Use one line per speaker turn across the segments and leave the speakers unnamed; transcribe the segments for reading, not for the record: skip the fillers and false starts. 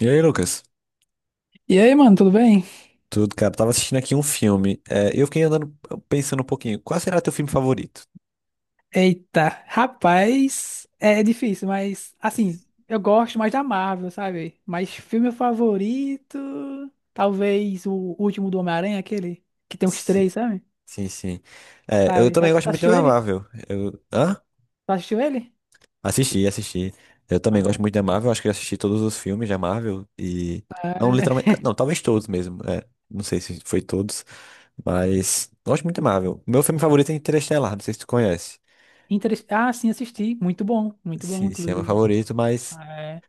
E aí, Lucas?
E aí, mano, tudo bem?
Tudo, cara? Tava assistindo aqui um filme. É, eu fiquei andando pensando um pouquinho. Qual será teu filme favorito?
Eita, rapaz, é difícil, mas assim, eu gosto mais da Marvel, sabe? Mas filme favorito, talvez o último do Homem-Aranha, aquele que tem os
Sim,
três, sabe?
sim, sim. É, eu
Sabe? Já,
também gosto
já
muito de
assistiu ele?
Marvel. Eu, hã?
Já assistiu ele?
Assisti, assisti. Eu também gosto
Ah,
muito da Marvel. Acho que eu assisti todos os filmes da Marvel e não literalmente,
tá.
não, talvez todos mesmo. É, não sei se foi todos, mas gosto muito da Marvel. Meu filme favorito é Interestelar. Não sei se tu conhece.
Ah, sim, assisti. Muito bom,
Sim, sim, é meu
inclusive.
favorito, mas
Ah, é.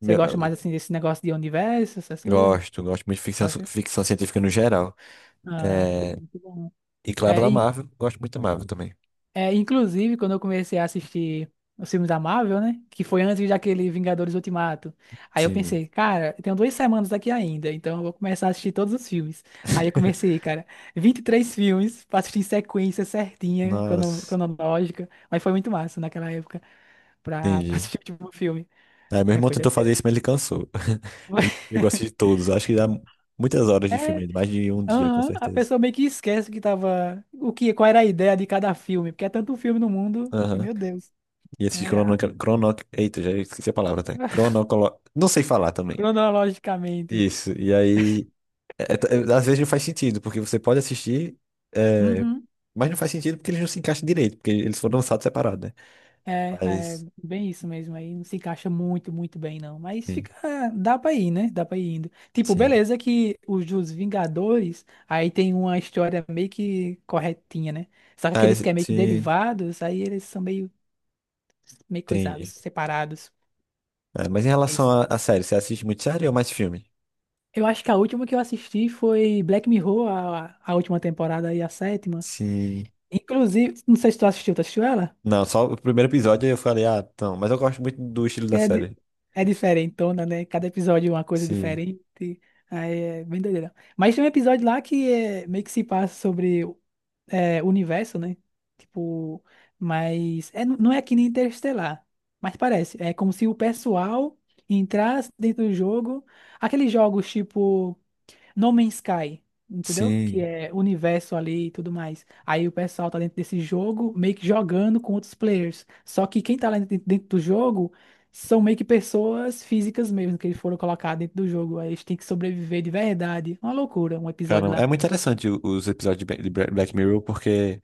Você gosta mais assim desse negócio de universo, essas coisas?
gosto muito de
Gosta?
ficção científica no geral.
Ah,
É,
é. Muito bom.
e claro, da Marvel. Gosto muito da Marvel também.
É, inclusive, quando eu comecei a assistir os filmes da Marvel, né? Que foi antes daquele Vingadores Ultimato. Aí eu
Sim.
pensei, cara, eu tenho 2 semanas aqui ainda, então eu vou começar a assistir todos os filmes. Aí eu comecei, cara, 23 filmes pra assistir em sequência certinha,
Nossa,
cronológica. Mas foi muito massa naquela época pra, pra
entendi.
assistir o último filme.
Aí meu
É,
irmão
foi
tentou
doideira.
fazer isso, mas ele cansou. Ele chegou a assistir todos. Acho que dá muitas horas de filme
É,
ainda, mais de um dia, com
aham, a
certeza.
pessoa meio que esquece que tava. Qual era a ideia de cada filme, porque é tanto filme no mundo que,
Aham.
meu Deus,
E esse
é,
Eita, já esqueci a palavra até. Não sei falar também.
cronologicamente.
Isso. E aí, às vezes não faz sentido, porque você pode assistir, é,
Uhum.
mas não faz sentido porque eles não se encaixam direito, porque eles foram lançados separados, né?
É, é
Mas,
bem isso mesmo aí. Não se encaixa muito, muito bem, não. Mas
sim,
fica. Dá pra ir, né? Dá pra ir indo. Tipo,
sim.
beleza que os dos Vingadores aí tem uma história meio que corretinha, né? Só que
Ah,
aqueles que
esse,
é meio que
sim.
derivados, aí eles são meio, meio coisados,
Entendi.
separados.
É, mas em
É
relação
isso.
a série, você assiste muito série ou mais filme?
Eu acho que a última que eu assisti foi Black Mirror, a última temporada aí, a sétima.
Sim.
Inclusive, não sei se tu assistiu, tu assistiu ela?
Não, só o primeiro episódio eu falei, ah, não, mas eu gosto muito do estilo da
É, di-
série.
É diferentona, né? Cada episódio é uma coisa
Sim.
diferente. Aí é bem doideira. Mas tem um episódio lá que é, meio que se passa sobre é, o universo, né? Tipo, mas é, não é que nem Interestelar. Mas parece. É como se o pessoal entrasse dentro do jogo. Aqueles jogos tipo. No Man's Sky, entendeu? Que
Sim.
é universo ali e tudo mais. Aí o pessoal tá dentro desse jogo, meio que jogando com outros players. Só que quem tá lá dentro, dentro do jogo são meio que pessoas físicas mesmo, que eles foram colocar dentro do jogo. Aí eles têm que sobreviver de verdade. Uma loucura, um episódio
Caramba,
lá.
é muito interessante os episódios de Ba- de Bra- Black Mirror, porque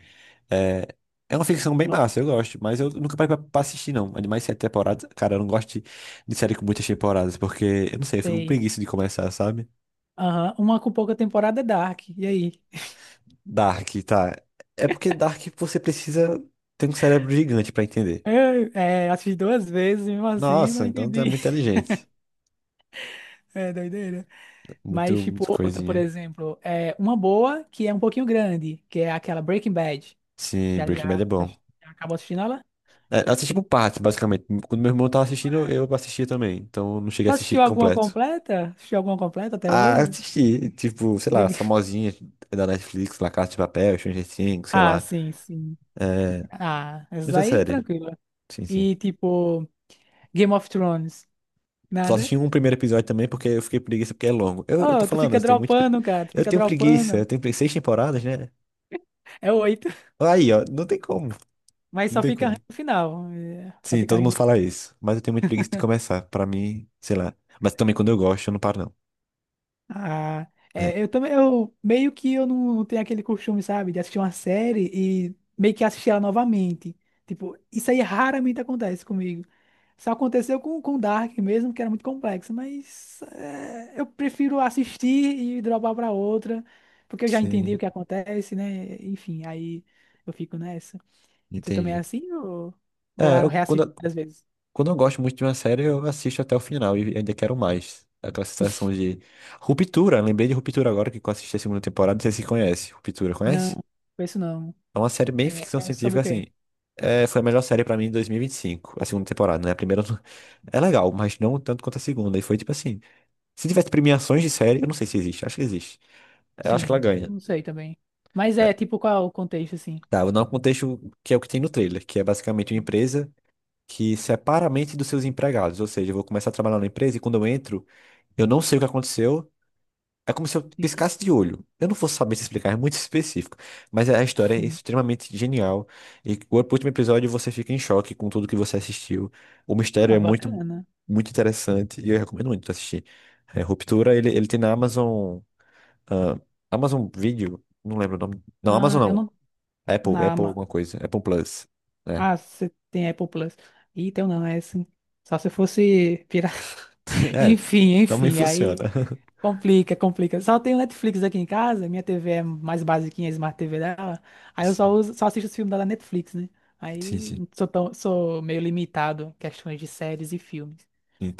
é, é uma ficção bem massa,
Aham.
eu gosto, mas eu nunca parei pra assistir, não. Animais 7 temporadas, cara, eu não gosto de série com muitas temporadas, porque, eu não sei, eu fico com
Sei.
preguiça de começar, sabe?
Aham. Uma com pouca temporada é Dark. E aí?
Dark, tá. É porque Dark você precisa ter um cérebro gigante pra entender.
Eu, é, assisti duas vezes, mesmo assim, não
Nossa, então tu
entendi.
é muito inteligente.
É doideira. Mas,
Muito,
tipo,
muito
outra, por
coisinha.
exemplo, é uma boa que é um pouquinho grande, que é aquela Breaking Bad.
Sim,
Já,
Breaking Bad
já,
é bom.
já acabou assistindo ela?
É, assisti por partes, basicamente. Quando meu irmão tava assistindo, eu assistia também. Então eu não cheguei
Tu
a assistir
assistiu alguma
completo.
completa? Assistiu alguma completa até
Ah,
hoje?
assisti, tipo, sei lá, as
Diga.
famosinhas da Netflix, La Casa de Papel, Stranger Things, sei
Ah,
lá.
sim, sim.
É,
Ah, essa
muita
aí,
série.
tranquila.
Sim, sim.
E, tipo, Game of Thrones.
Só
Nada?
assisti um primeiro episódio também porque eu fiquei preguiça porque é longo. Eu tô
Oh, tu
falando,
fica
eu tenho muito.
dropando, cara. Tu
Eu
fica
tenho preguiça,
dropando.
6 temporadas, né?
É oito.
Aí, ó, não tem como.
Mas
Não
só
tem
fica
como.
ruim no final. É, só
Sim,
fica
todo mundo
ruim.
fala isso. Mas eu tenho muita preguiça de começar. Pra mim, sei lá. Mas também quando eu gosto, eu não paro,
Ah,
não. É.
é, eu também, eu meio que eu não, não tenho aquele costume, sabe, de assistir uma série e meio que assistir ela novamente. Tipo, isso aí raramente acontece comigo. Só aconteceu com Dark mesmo, que era muito complexo, mas é, eu prefiro assistir e dropar pra outra, porque eu já entendi o
Sim,
que acontece, né? Enfim, aí eu fico nessa. Você também é
entendi.
assim ou
É,
reassiste várias vezes?
quando eu gosto muito de uma série, eu assisto até o final e ainda quero mais. Aquela sensação de Ruptura. Lembrei de Ruptura agora que eu assisti a segunda temporada. Não sei se conhece. Ruptura, conhece?
Não, penso não.
É uma série bem
É,
ficção
é sobre
científica,
o quê?
assim. É, foi a melhor série pra mim em 2025, a segunda temporada, né? A primeira eu é legal, mas não tanto quanto a segunda. E foi tipo assim: se tivesse premiações de série, eu não sei se existe, acho que existe. Eu acho que ela
Sim,
ganha.
não sei também. Mas é, tipo, qual é o contexto, assim?
Tá, vou dar um contexto que é o que tem no trailer, que é basicamente uma empresa que separa a mente dos seus empregados. Ou seja, eu vou começar a trabalhar na empresa e quando eu entro, eu não sei o que aconteceu. É como se eu
Sim.
piscasse de olho. Eu não vou saber te explicar, é muito específico. Mas a história é extremamente genial. E o último episódio você fica em choque com tudo que você assistiu. O mistério
Ah,
é muito,
bacana.
muito interessante e eu recomendo muito assistir. É, Ruptura, ele tem na Amazon, ah, Amazon Video, não lembro o nome. Não,
Ah,
Amazon
eu
não.
não.
Apple,
Na
Apple
Ama-
alguma coisa. Apple Plus. É.
Ah, você tem Apple Plus. Ih, tem um não, é assim. Só se fosse pirata.
É,
Enfim,
também
enfim,
funciona.
aí complica, complica. Só tenho Netflix aqui em casa, minha TV é mais basiquinha, a Smart TV dela. Aí eu só
Sim,
uso, só assisto os filmes da Netflix, né?
sim,
Aí
sim.
sou tão, sou meio limitado em questões de séries e filmes.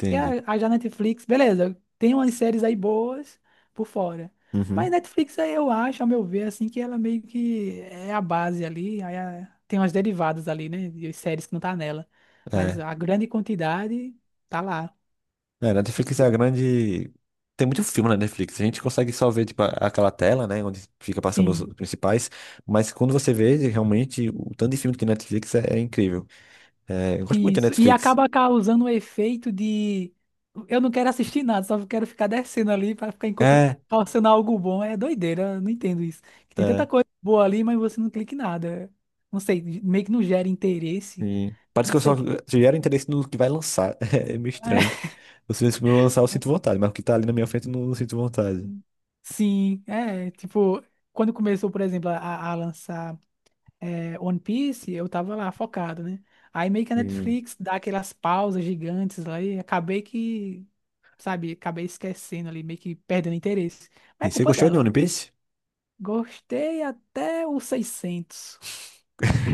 Porque a já Netflix, beleza, tem umas séries aí boas por fora. Mas
Uhum.
Netflix, aí eu acho, ao meu ver, assim, que ela meio que é a base ali. Aí tem umas derivadas ali, né? De séries que não tá nela. Mas
É.
a grande quantidade tá lá.
É, Netflix
Tipo,
é a grande. Tem muito filme na Netflix. A gente consegue só ver, tipo, aquela tela, né? Onde fica passando os
sim.
principais. Mas quando você vê, realmente, o tanto de filme que tem na Netflix é incrível. É, eu gosto muito da
Isso. E
Netflix.
acaba causando um efeito de eu não quero assistir nada, só quero ficar descendo ali para ficar encontrando,
É,
causando algo bom. É doideira, eu não entendo isso. Que tem tanta
é.
coisa boa ali, mas você não clica em nada. Não sei, meio que não gera interesse.
Sim. Parece
Não
que eu
sei
só
o que.
gero interesse no que vai lançar. É meio estranho. Se eu lançar, eu sinto vontade, mas o que tá ali na minha frente, eu não, não sinto vontade.
Sim, é, tipo, quando começou, por exemplo, a lançar. É, One Piece, eu tava lá focado, né? Aí meio que a
Sim.
Netflix dá aquelas pausas gigantes lá e acabei que, sabe, acabei esquecendo ali, meio que perdendo interesse. Mas é
E você
culpa
gostou de
dela.
One Piece?
Gostei até os 600.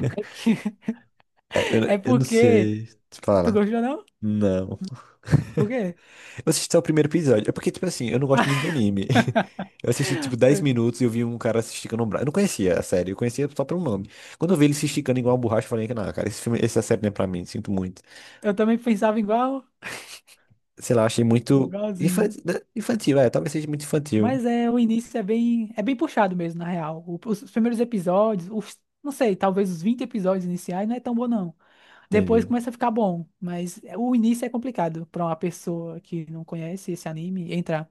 É,
É
eu não
porque.
sei.
Tu
Fala.
gostou, não?
Não.
Por quê?
Eu assisti só o primeiro episódio. É porque, tipo assim, eu não gosto muito de anime. Eu assisti, tipo, 10 minutos e eu vi um cara se esticando um braço. Eu não conhecia a série, eu conhecia só pelo nome. Quando eu vi ele se esticando igual uma borracha, eu falei que não, cara, esse filme, essa série não é pra mim, sinto muito.
Eu também pensava igual,
Sei lá, achei muito
igualzinho.
infantil, infantil, talvez seja muito infantil.
Mas é, o início é bem puxado mesmo, na real. Os primeiros episódios, os, não sei, talvez os 20 episódios iniciais não é tão bom, não. Depois
Entendi.
começa a ficar bom, mas é, o início é complicado pra uma pessoa que não conhece esse anime entrar.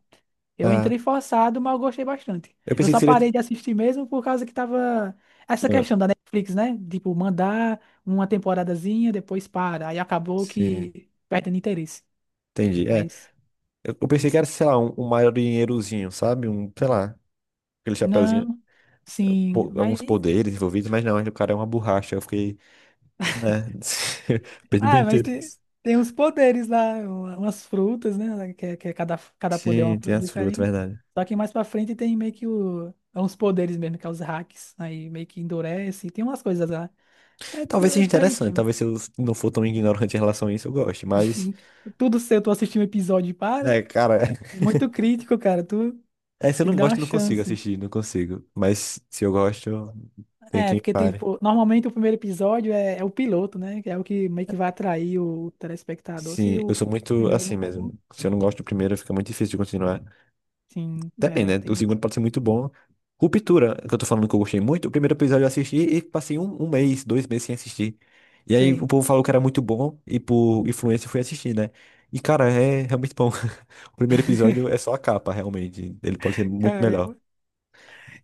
Eu
Ah,
entrei forçado, mas eu gostei bastante.
eu
Eu
pensei que
só
seria.
parei de assistir mesmo por causa que tava essa
Ah,
questão da Netflix, né? Tipo, mandar uma temporadazinha, depois para. Aí acabou
sim,
que perdendo interesse.
entendi. É,
Mas
eu pensei que era, sei lá, um, marinheirozinho, sabe? Um, sei lá, aquele chapeuzinho.
não, sim, mas.
Alguns poderes envolvidos, mas não, o cara é uma borracha. Eu fiquei, né? Perdi meu
Ah, mas tem,
interesse.
tem uns poderes lá, umas frutas, né? Que, que é cada, cada poder é uma
Sim, tem
fruta
as frutas,
diferente.
verdade.
Só que mais pra frente tem meio que o, é uns poderes mesmo, que é os hacks. Aí meio que endurece, tem umas coisas lá. É,
Talvez
é
seja interessante,
diferentinho.
talvez se eu não for tão ignorante em relação a isso, eu goste, mas,
Tudo seu, tu assistiu um episódio e para.
cara,
É muito crítico, cara. Tu
se eu
tem que
não
dar uma
gosto, eu não consigo
chance.
assistir, não consigo. Mas se eu gosto, tem
É,
quem
porque
pare.
tipo, normalmente o primeiro episódio é, é o piloto, né? Que é o que meio que vai atrair o telespectador. Se
Sim, eu
o
sou muito
primeiro não
assim
for bom.
mesmo. Se eu não gosto do primeiro, fica muito difícil de continuar.
Sim, é,
Depende, né? O
tem isso.
segundo pode ser muito bom. Ruptura, que eu tô falando que eu gostei muito. O primeiro episódio eu assisti e passei um mês, 2 meses sem assistir. E aí o
Sei.
povo falou que era muito bom e por influência eu fui assistir, né? E cara, é realmente bom. O primeiro episódio é só a capa, realmente. Ele pode ser muito
Cara.
melhor.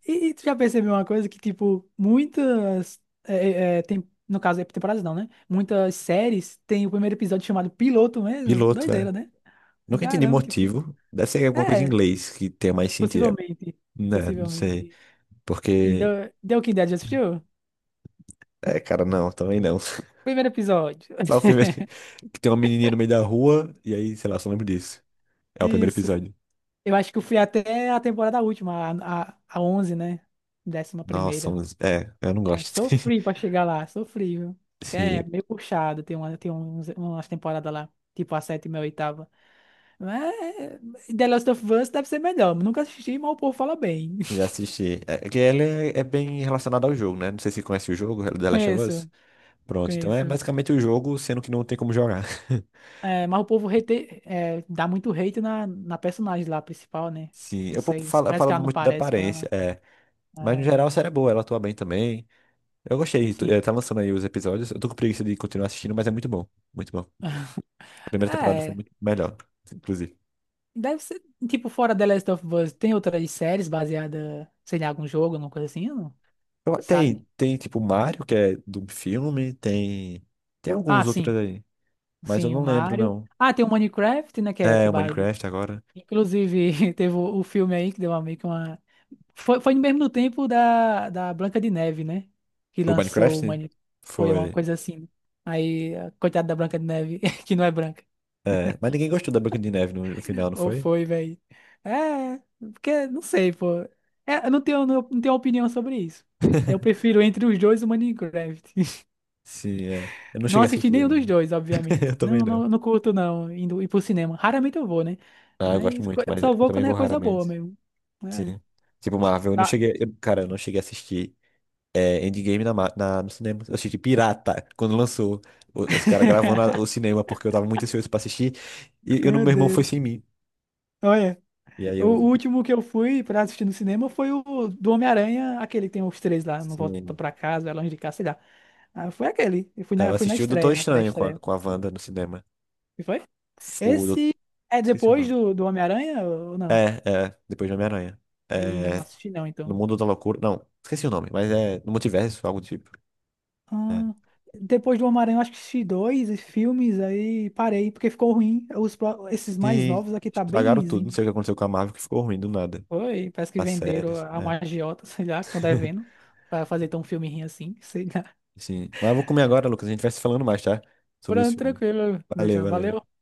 E tu já percebeu uma coisa que, tipo, muitas. Tem, no caso, é temporadas não, né? Muitas séries tem o primeiro episódio chamado piloto mesmo.
Piloto,
Doideira,
é.
né?
Nunca entendi
Caramba, tipo.
motivo. Deve ser alguma coisa em
É,
inglês que tenha mais sentido.
possivelmente.
É, né? Não sei.
Possivelmente. E
Porque.
deu que ideia, já assistiu?
É, cara, não, também não.
Primeiro episódio.
Só o primeiro. Que tem uma menininha no meio da rua e aí, sei lá, só lembro disso. É o primeiro
Isso.
episódio.
Eu acho que eu fui até a temporada última, a 11, né? Décima
Nossa,
primeira.
é, eu não
É,
gosto.
sofri pra chegar lá, sofri, viu? Que
Sim,
é meio puxado, tem, uma, tem uns, umas temporadas lá, tipo a sétima e a oitava. Mas The Last of Us deve ser melhor. Nunca assisti, mas o povo fala bem.
já assisti. É que ele é bem relacionado ao jogo, né? Não sei se conhece o jogo, The Last of Us.
Conheço,
Pronto, então é
conheço.
basicamente o jogo, sendo que não tem como jogar.
É, mas o povo hate, é, dá muito hate na, na personagem lá, principal, né?
Sim,
Não
eu pouco
sei,
falo, eu
parece
falo
que ela não
muito da
parece com
aparência,
ela.
é. Mas no
É,
geral a série é boa, ela atua bem também. Eu gostei,
sim.
tá lançando aí os episódios. Eu tô com preguiça de continuar assistindo, mas é muito bom. Muito bom. A primeira temporada foi
É,
muito melhor, inclusive.
deve ser, tipo, fora The Last of Us, tem outras séries baseadas, sei lá, em algum jogo, alguma coisa assim, não? Sabe?
Tem tipo Mario, que é do filme, tem. Tem
Ah,
alguns
sim,
outros aí. Mas eu
sim, o
não lembro,
Mario.
não.
Ah, tem o Minecraft, né, que
É,
é
o
base...
Minecraft agora.
Inclusive, teve o filme aí que deu uma, meio que uma. Foi no mesmo tempo da Branca de Neve, né? Que
O
lançou o
Minecraft
Mani... Foi uma
foi.
coisa assim. Aí, a coitada da Branca de Neve, que não é branca.
É, mas ninguém gostou da Branca de Neve no final, não
Ou
foi?
foi, velho. É, porque não sei, pô. É, eu não tenho, não, não tenho opinião sobre isso. Eu prefiro entre os dois o Minecraft.
Sim, é. Eu não
Não
cheguei a
assisti
assistir
nenhum dos
ainda.
dois, obviamente.
Eu também
Não,
não.
não, não curto, não, indo ir pro cinema. Raramente eu vou, né?
Ah, eu gosto
Mas
muito,
eu
mas
só
eu
vou
também
quando
vou
é coisa boa
raramente.
mesmo. É.
Sim. Tipo, Marvel, eu não
Ah.
cheguei. Eu cara, eu não cheguei a assistir Endgame no cinema. Eu assisti Pirata, quando lançou. Os caras gravando o cinema, porque eu tava muito ansioso pra assistir. E eu,
Meu
meu irmão foi sem
Deus.
mim.
Olha.
E aí
O
eu.
último que eu fui pra assistir no cinema foi o do Homem-Aranha, aquele que tem os três lá, Não Volta
Sim.
Pra Casa, É Longe de Casa, sei lá. Ah, foi aquele. Eu
Aí eu
fui na
assisti o Doutor
estreia, na
Estranho com a,
pré-estreia.
com a Wanda no cinema.
E foi?
O, Dou-
Esse é
Esqueci o
depois
nome.
do Homem-Aranha ou
É,
não?
é, depois de Homem-Aranha.
E não
É,
assisti não,
no
então.
Mundo da Loucura. Não, esqueci o nome, mas é no multiverso, algo do tipo. É.
Ah, depois do Homem-Aranha, eu acho que assisti dois filmes, aí parei, porque ficou ruim. Os, esses mais
E
novos aqui tá bem
estragaram tudo. Não
ruinzinho.
sei o que aconteceu com a Marvel, que ficou ruim do nada.
Foi, parece que
As
venderam
séries,
a
né?
uma agiota, sei lá, que estão devendo, pra fazer tão um filme ruim assim, sei lá.
Sim. Mas eu vou comer agora, Lucas. A gente vai se falando mais, tá? Sobre os
Pronto,
filmes.
tranquilo,
Valeu,
Gustavo.
valeu.
Valeu.